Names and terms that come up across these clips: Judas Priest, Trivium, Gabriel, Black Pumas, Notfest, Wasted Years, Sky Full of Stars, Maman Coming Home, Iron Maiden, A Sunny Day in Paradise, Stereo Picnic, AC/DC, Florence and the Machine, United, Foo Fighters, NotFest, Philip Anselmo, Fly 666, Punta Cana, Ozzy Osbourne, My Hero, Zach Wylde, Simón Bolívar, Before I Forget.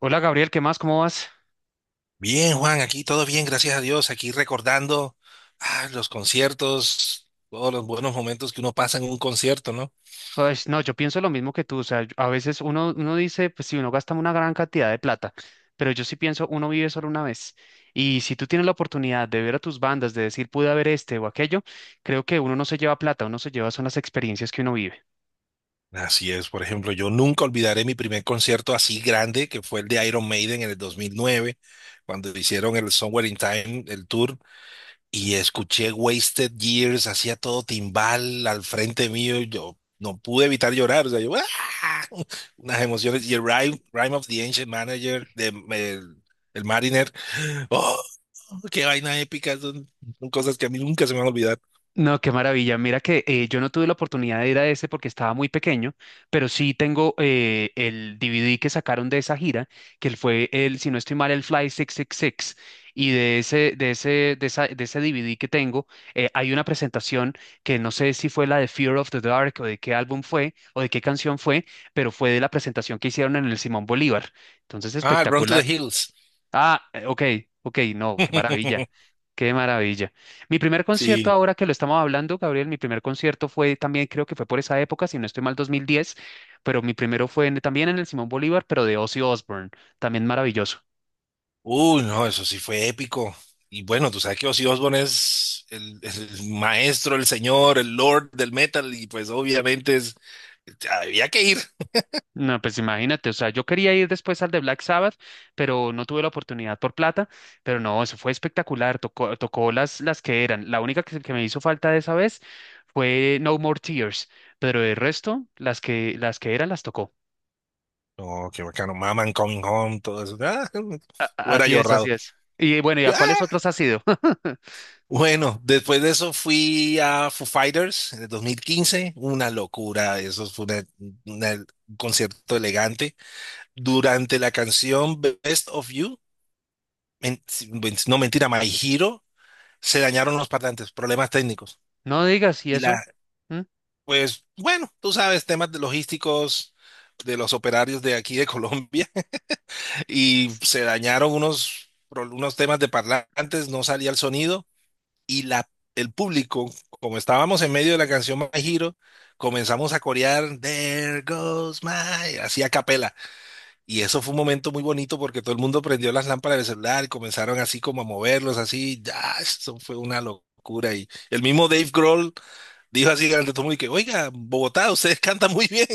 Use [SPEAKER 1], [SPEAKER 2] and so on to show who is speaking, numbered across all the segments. [SPEAKER 1] Hola Gabriel, ¿qué más? ¿Cómo vas?
[SPEAKER 2] Bien, Juan, aquí todo bien, gracias a Dios. Aquí recordando los conciertos, todos los buenos momentos que uno pasa en un concierto, ¿no?
[SPEAKER 1] Pues no, yo pienso lo mismo que tú, o sea, a veces uno dice, pues si uno gasta una gran cantidad de plata, pero yo sí pienso, uno vive solo una vez. Y si tú tienes la oportunidad de ver a tus bandas, de decir, pude haber este o aquello, creo que uno no se lleva plata, uno se lleva son las experiencias que uno vive.
[SPEAKER 2] Así es, por ejemplo, yo nunca olvidaré mi primer concierto así grande, que fue el de Iron Maiden en el 2009, cuando hicieron el Somewhere in Time, el tour, y escuché Wasted Years, hacía todo timbal al frente mío, y yo no pude evitar llorar, o sea, yo, ¡ah! unas emociones, y el Rime of the Ancient Manager de el Mariner. ¡Oh! Qué vaina épica, son cosas que a mí nunca se me van a olvidar.
[SPEAKER 1] No, qué maravilla. Mira que yo no tuve la oportunidad de ir a ese porque estaba muy pequeño, pero sí tengo el DVD que sacaron de esa gira, que fue el, si no estoy mal, el Fly 666. Y seis. Y de ese, de ese DVD que tengo, hay una presentación que no sé si fue la de Fear of the Dark o de qué álbum fue o de qué canción fue, pero fue de la presentación que hicieron en el Simón Bolívar. Entonces,
[SPEAKER 2] Ah, Run to the
[SPEAKER 1] espectacular.
[SPEAKER 2] Hills.
[SPEAKER 1] Ah, ok, ok, no, qué maravilla, qué maravilla. Mi primer concierto,
[SPEAKER 2] Sí.
[SPEAKER 1] ahora que lo estamos hablando, Gabriel, mi primer concierto fue también, creo que fue por esa época, si no estoy mal, 2010, pero mi primero fue también en el Simón Bolívar, pero de Ozzy Osbourne, también maravilloso.
[SPEAKER 2] Uy, no, eso sí fue épico. Y bueno, tú sabes que Ozzy Osbourne es el maestro, el señor, el lord del metal, y pues obviamente es, había que ir.
[SPEAKER 1] No, pues imagínate, o sea, yo quería ir después al de Black Sabbath, pero no tuve la oportunidad por plata, pero no, eso fue espectacular, tocó las que eran. La única que me hizo falta de esa vez fue No More Tears, pero el resto, las que eran, las tocó.
[SPEAKER 2] No, qué bacano, Maman Coming Home, todo eso. Ah, hubiera
[SPEAKER 1] Así
[SPEAKER 2] yo
[SPEAKER 1] es, así
[SPEAKER 2] ahorrado.
[SPEAKER 1] es. Y bueno, ¿y
[SPEAKER 2] Yo,
[SPEAKER 1] a cuáles
[SPEAKER 2] ah.
[SPEAKER 1] otros has ido?
[SPEAKER 2] Bueno, después de eso fui a Foo Fighters en el 2015, una locura. Eso fue una- un concierto elegante. Durante la canción Best of You, si no mentira, My Hero, se dañaron los parlantes, problemas técnicos.
[SPEAKER 1] No digas, ¿y
[SPEAKER 2] Y la,
[SPEAKER 1] eso? ¿Mm?
[SPEAKER 2] pues bueno, tú sabes, temas de logísticos de los operarios de aquí de Colombia y se dañaron unos temas de parlantes, no salía el sonido y la, el público, como estábamos en medio de la canción My Hero, comenzamos a corear There goes my, así a capela. Y eso fue un momento muy bonito porque todo el mundo prendió las lámparas del celular y comenzaron así como a moverlos, así, ya, eso fue una locura. Y el mismo Dave Grohl dijo así durante todo el mundo, y que, oiga, Bogotá, ustedes cantan muy bien.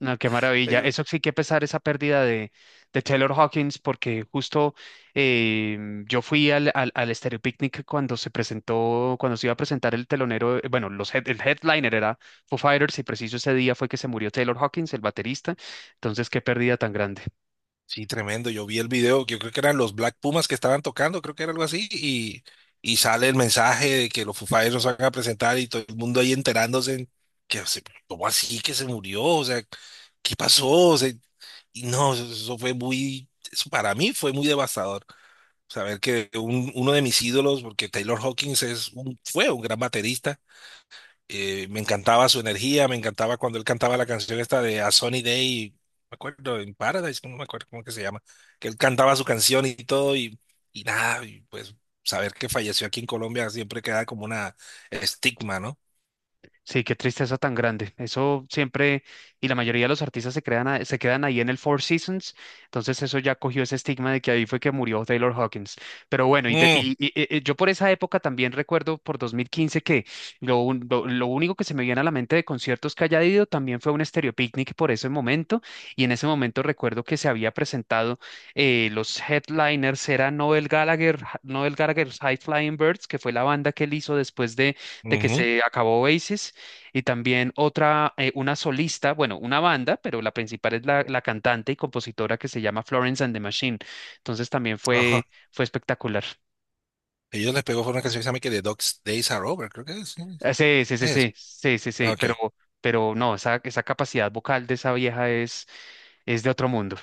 [SPEAKER 1] No, qué maravilla. Eso sí que pesar esa pérdida de Taylor Hawkins, porque justo eh, yo fui al Stereo Picnic cuando se presentó, cuando se iba a presentar el telonero, bueno, los el headliner era Foo Fighters, y preciso ese día fue que se murió Taylor Hawkins, el baterista. Entonces, qué pérdida tan grande.
[SPEAKER 2] Sí, tremendo. Yo vi el video, yo creo que eran los Black Pumas que estaban tocando, creo que era algo así, y sale el mensaje de que los Foo Fighters nos van a presentar y todo el mundo ahí enterándose que, se- ¿cómo así que se murió? O sea, ¿qué pasó? O sea, y no, eso para mí fue muy devastador. Saber que uno de mis ídolos, porque Taylor Hawkins es fue un gran baterista. Me encantaba su energía, me encantaba cuando él cantaba la canción esta de A Sunny Day, no me acuerdo, en Paradise, no me acuerdo cómo que se llama, que él cantaba su canción y todo, y nada, y pues saber que falleció aquí en Colombia siempre queda como una estigma, ¿no?
[SPEAKER 1] Sí, qué tristeza tan grande. Eso siempre, y la mayoría de los artistas se crean se quedan ahí en el Four Seasons, entonces eso ya cogió ese estigma de que ahí fue que murió Taylor Hawkins. Pero bueno, y, de-
[SPEAKER 2] Mm,
[SPEAKER 1] y- y- y- y yo por esa época también recuerdo por 2015 que lo único que se me viene a la mente de conciertos que haya ido también fue un Stereo Picnic por ese momento, y en ese momento recuerdo que se había presentado, los headliners eran Noel Gallagher, Noel Gallagher's High Flying Birds, que fue la banda que él hizo después de que
[SPEAKER 2] ujú,
[SPEAKER 1] se acabó Oasis y también otra, una solista, bueno, una banda, pero la principal es la cantante y compositora que se llama Florence and the Machine. Entonces también
[SPEAKER 2] ajá.
[SPEAKER 1] fue espectacular.
[SPEAKER 2] Ellos les pegó fue una canción que se llama que The Dog's Days Are Over, creo que es. ¿Sí?
[SPEAKER 1] Ah, sí, sí, sí,
[SPEAKER 2] Es.
[SPEAKER 1] sí, sí, sí, sí,
[SPEAKER 2] Ok.
[SPEAKER 1] pero no, esa capacidad vocal de esa vieja es de otro mundo.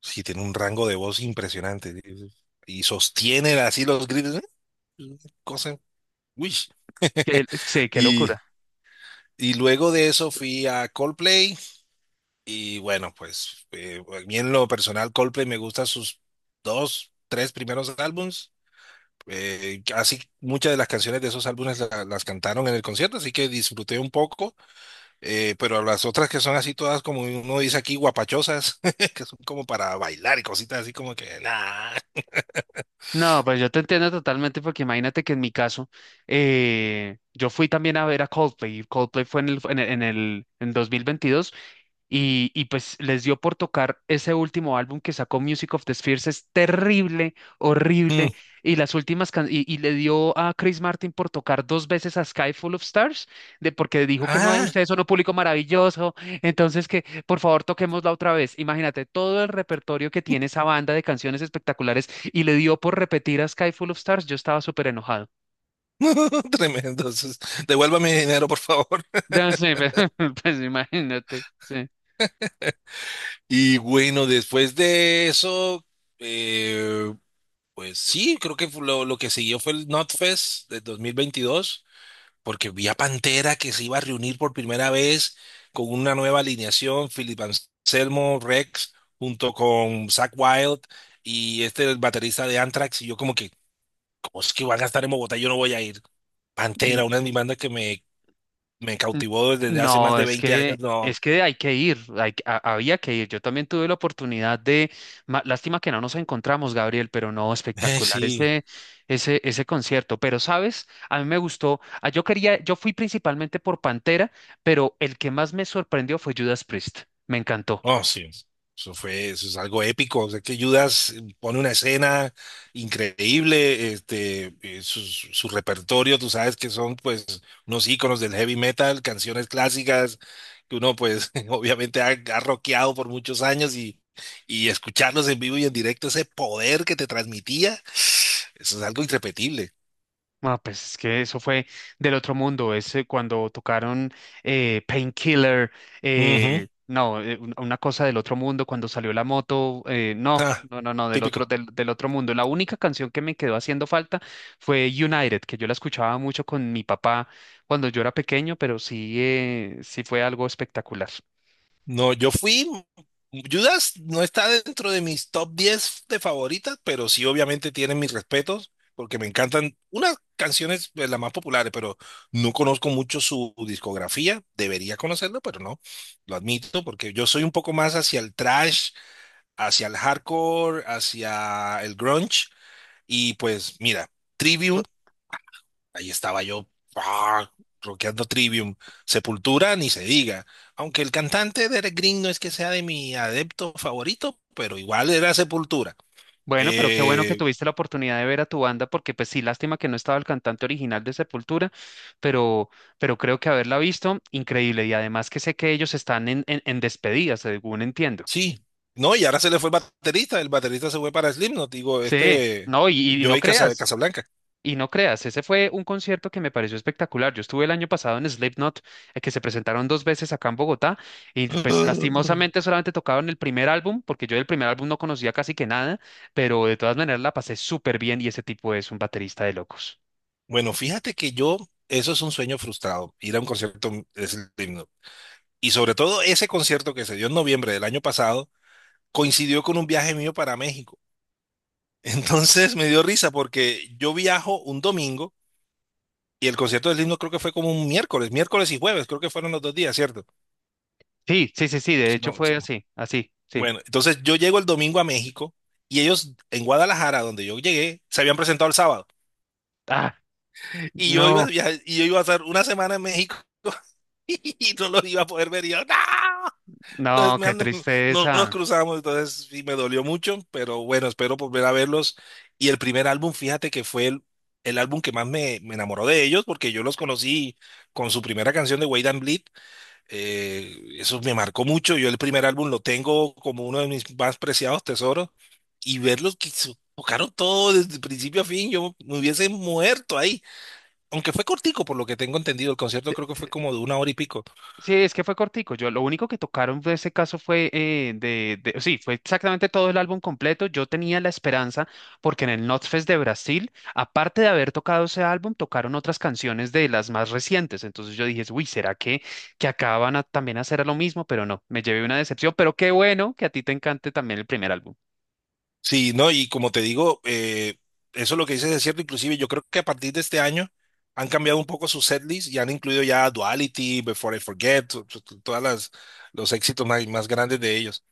[SPEAKER 2] Sí, tiene un rango de voz impresionante. Sí, sí. Y sostiene así los gritos. ¿Eh? Una cosa. Uy.
[SPEAKER 1] Sí, qué
[SPEAKER 2] Y,
[SPEAKER 1] locura.
[SPEAKER 2] y luego de eso fui a Coldplay. Y bueno, pues a mí en lo personal, Coldplay me gusta sus dos, tres primeros álbums. Así muchas de las canciones de esos álbumes la- las cantaron en el concierto, así que disfruté un poco. Pero las otras que son así todas, como uno dice aquí, guapachosas, que son como para bailar y cositas así como que, nah.
[SPEAKER 1] No, pues yo te entiendo totalmente porque imagínate que en mi caso, yo fui también a ver a Coldplay. Y Coldplay fue en 2022, y pues les dio por tocar ese último álbum que sacó Music of the Spheres, es terrible, horrible. Y las últimas can- y le dio a Chris Martin por tocar dos veces a Sky Full of Stars, de porque dijo que no,
[SPEAKER 2] Ah,
[SPEAKER 1] ustedes son un público maravilloso, entonces que por favor toquémosla otra vez. Imagínate todo el repertorio que tiene esa banda de canciones espectaculares y le dio por repetir a Sky Full of Stars, yo estaba súper enojado.
[SPEAKER 2] tremendo. Entonces, devuélvame mi dinero, por favor.
[SPEAKER 1] Ya sé, pues imagínate, sí.
[SPEAKER 2] Y bueno, después de eso, eh, pues sí, creo que fue lo que siguió fue el NotFest de 2022, porque vi a Pantera que se iba a reunir por primera vez con una nueva alineación, Philip Anselmo, Rex, junto con Zach Wild y el baterista de Anthrax. Y yo como que, ¿cómo es que van a estar en Bogotá? Yo no voy a ir. Pantera, una de mis bandas que me
[SPEAKER 1] N-
[SPEAKER 2] cautivó desde hace más
[SPEAKER 1] No,
[SPEAKER 2] de
[SPEAKER 1] es
[SPEAKER 2] 20 años,
[SPEAKER 1] que,
[SPEAKER 2] no.
[SPEAKER 1] hay que ir, había que ir. Yo también tuve la oportunidad de, lástima que no nos encontramos, Gabriel, pero no,
[SPEAKER 2] Eh,
[SPEAKER 1] espectacular
[SPEAKER 2] sí,
[SPEAKER 1] ese concierto. Pero, ¿sabes? A mí me gustó, ah, yo quería, yo fui principalmente por Pantera, pero el que más me sorprendió fue Judas Priest. Me encantó.
[SPEAKER 2] oh, sí. Eso es algo épico. O sea, que Judas pone una escena increíble, su repertorio, tú sabes que son pues unos íconos del heavy metal, canciones clásicas que uno pues obviamente ha rockeado por muchos años y escucharlos en vivo y en directo, ese poder que te transmitía, eso es algo irrepetible.
[SPEAKER 1] Ah, pues es que eso fue del otro mundo, es cuando tocaron Painkiller,
[SPEAKER 2] Ujú.
[SPEAKER 1] no, una cosa del otro mundo, cuando salió la moto, no,
[SPEAKER 2] Ah,
[SPEAKER 1] no, no, no, del otro,
[SPEAKER 2] típico.
[SPEAKER 1] del otro mundo. La única canción que me quedó haciendo falta fue United, que yo la escuchaba mucho con mi papá cuando yo era pequeño, pero sí, sí fue algo espectacular.
[SPEAKER 2] No, yo fui. Judas no está dentro de mis top 10 de favoritas, pero sí obviamente tienen mis respetos, porque me encantan unas canciones de las más populares, pero no conozco mucho su discografía. Debería conocerlo, pero no, lo admito, porque yo soy un poco más hacia el trash, hacia el hardcore, hacia el grunge, y pues mira, Trivium. Ahí estaba yo, ah, rockeando Trivium. Sepultura, ni se diga. Aunque el cantante de Eric Green no es que sea de mi adepto favorito, pero igual era Sepultura.
[SPEAKER 1] Bueno, pero qué bueno que
[SPEAKER 2] Eh,
[SPEAKER 1] tuviste la oportunidad de ver a tu banda, porque pues sí, lástima que no estaba el cantante original de Sepultura, pero, pero creo que haberla visto, increíble. Y además que sé que ellos están en despedida, según entiendo.
[SPEAKER 2] sí, no, y ahora se le fue el baterista. El baterista se fue para Slipknot, digo,
[SPEAKER 1] Sí, no,
[SPEAKER 2] Joey Casablanca.
[SPEAKER 1] y no creas, ese fue un concierto que me pareció espectacular. Yo estuve el año pasado en Slipknot, que se presentaron dos veces acá en Bogotá, y pues lastimosamente solamente tocaron el primer álbum, porque yo del primer álbum no conocía casi que nada, pero de todas maneras la pasé súper bien y ese tipo es un baterista de locos.
[SPEAKER 2] Bueno, fíjate que eso es un sueño frustrado, ir a un concierto de Slipknot. Y sobre todo ese concierto que se dio en noviembre del año pasado, coincidió con un viaje mío para México. Entonces me dio risa porque yo viajo un domingo y el concierto del himno creo que fue como un miércoles, miércoles y jueves, creo que fueron los 2 días, ¿cierto?
[SPEAKER 1] Sí, sí, sí, sí, de
[SPEAKER 2] Si
[SPEAKER 1] hecho
[SPEAKER 2] no- si
[SPEAKER 1] fue
[SPEAKER 2] no.
[SPEAKER 1] así, así, sí.
[SPEAKER 2] Bueno, entonces yo llego el domingo a México y ellos en Guadalajara, donde yo llegué, se habían presentado el sábado
[SPEAKER 1] Ah, no,
[SPEAKER 2] y yo iba a estar una semana en México. Y no los iba a poder ver y yo, ¡no! Los-
[SPEAKER 1] no,
[SPEAKER 2] me
[SPEAKER 1] qué
[SPEAKER 2] andan- no no nos
[SPEAKER 1] tristeza.
[SPEAKER 2] cruzamos, entonces sí me dolió mucho, pero bueno, espero volver a verlos. Y el primer álbum, fíjate que fue el álbum que más me enamoró de ellos, porque yo los conocí con su primera canción de Wade and Bleed. Eso me marcó mucho. Yo el primer álbum lo tengo como uno de mis más preciados tesoros. Y verlos tocaron todo desde principio a fin, yo me hubiese muerto ahí. Aunque fue cortico, por lo que tengo entendido, el concierto creo que fue como de una hora y pico.
[SPEAKER 1] Sí, es que fue cortico. Yo lo único que tocaron de ese caso fue sí, fue exactamente todo el álbum completo. Yo tenía la esperanza porque en el Notfest de Brasil, aparte de haber tocado ese álbum, tocaron otras canciones de las más recientes. Entonces yo dije, uy, ¿será que acaban a, también hacer lo mismo? Pero no, me llevé una decepción. Pero qué bueno que a ti te encante también el primer álbum.
[SPEAKER 2] Sí, no, y como te digo, eso, lo que dices es cierto. Inclusive yo creo que a partir de este año han cambiado un poco su setlist y han incluido ya Duality, Before I Forget, todas las los éxitos más grandes de ellos.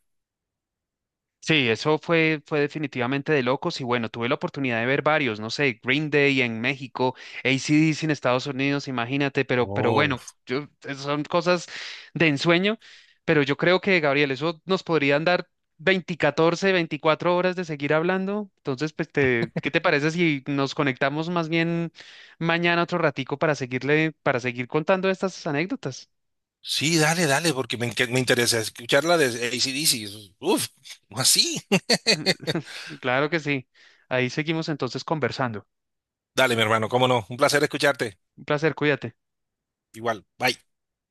[SPEAKER 1] Sí, eso fue definitivamente de locos y bueno, tuve la oportunidad de ver varios, no sé, Green Day en México, AC/DC en Estados Unidos, imagínate, pero
[SPEAKER 2] Oh.
[SPEAKER 1] bueno, yo, son cosas de ensueño, pero yo creo que, Gabriel, eso nos podrían dar 20, 14, 24 horas de seguir hablando, entonces, pues, ¿qué te parece si nos conectamos más bien mañana otro ratico para seguirle, para seguir contando estas anécdotas?
[SPEAKER 2] Sí, dale, dale, porque me interesa escuchar la de AC/DC. Uf, así.
[SPEAKER 1] Claro que sí, ahí seguimos entonces conversando.
[SPEAKER 2] Dale, mi hermano, cómo no, un placer escucharte.
[SPEAKER 1] Un placer, cuídate.
[SPEAKER 2] Igual, bye.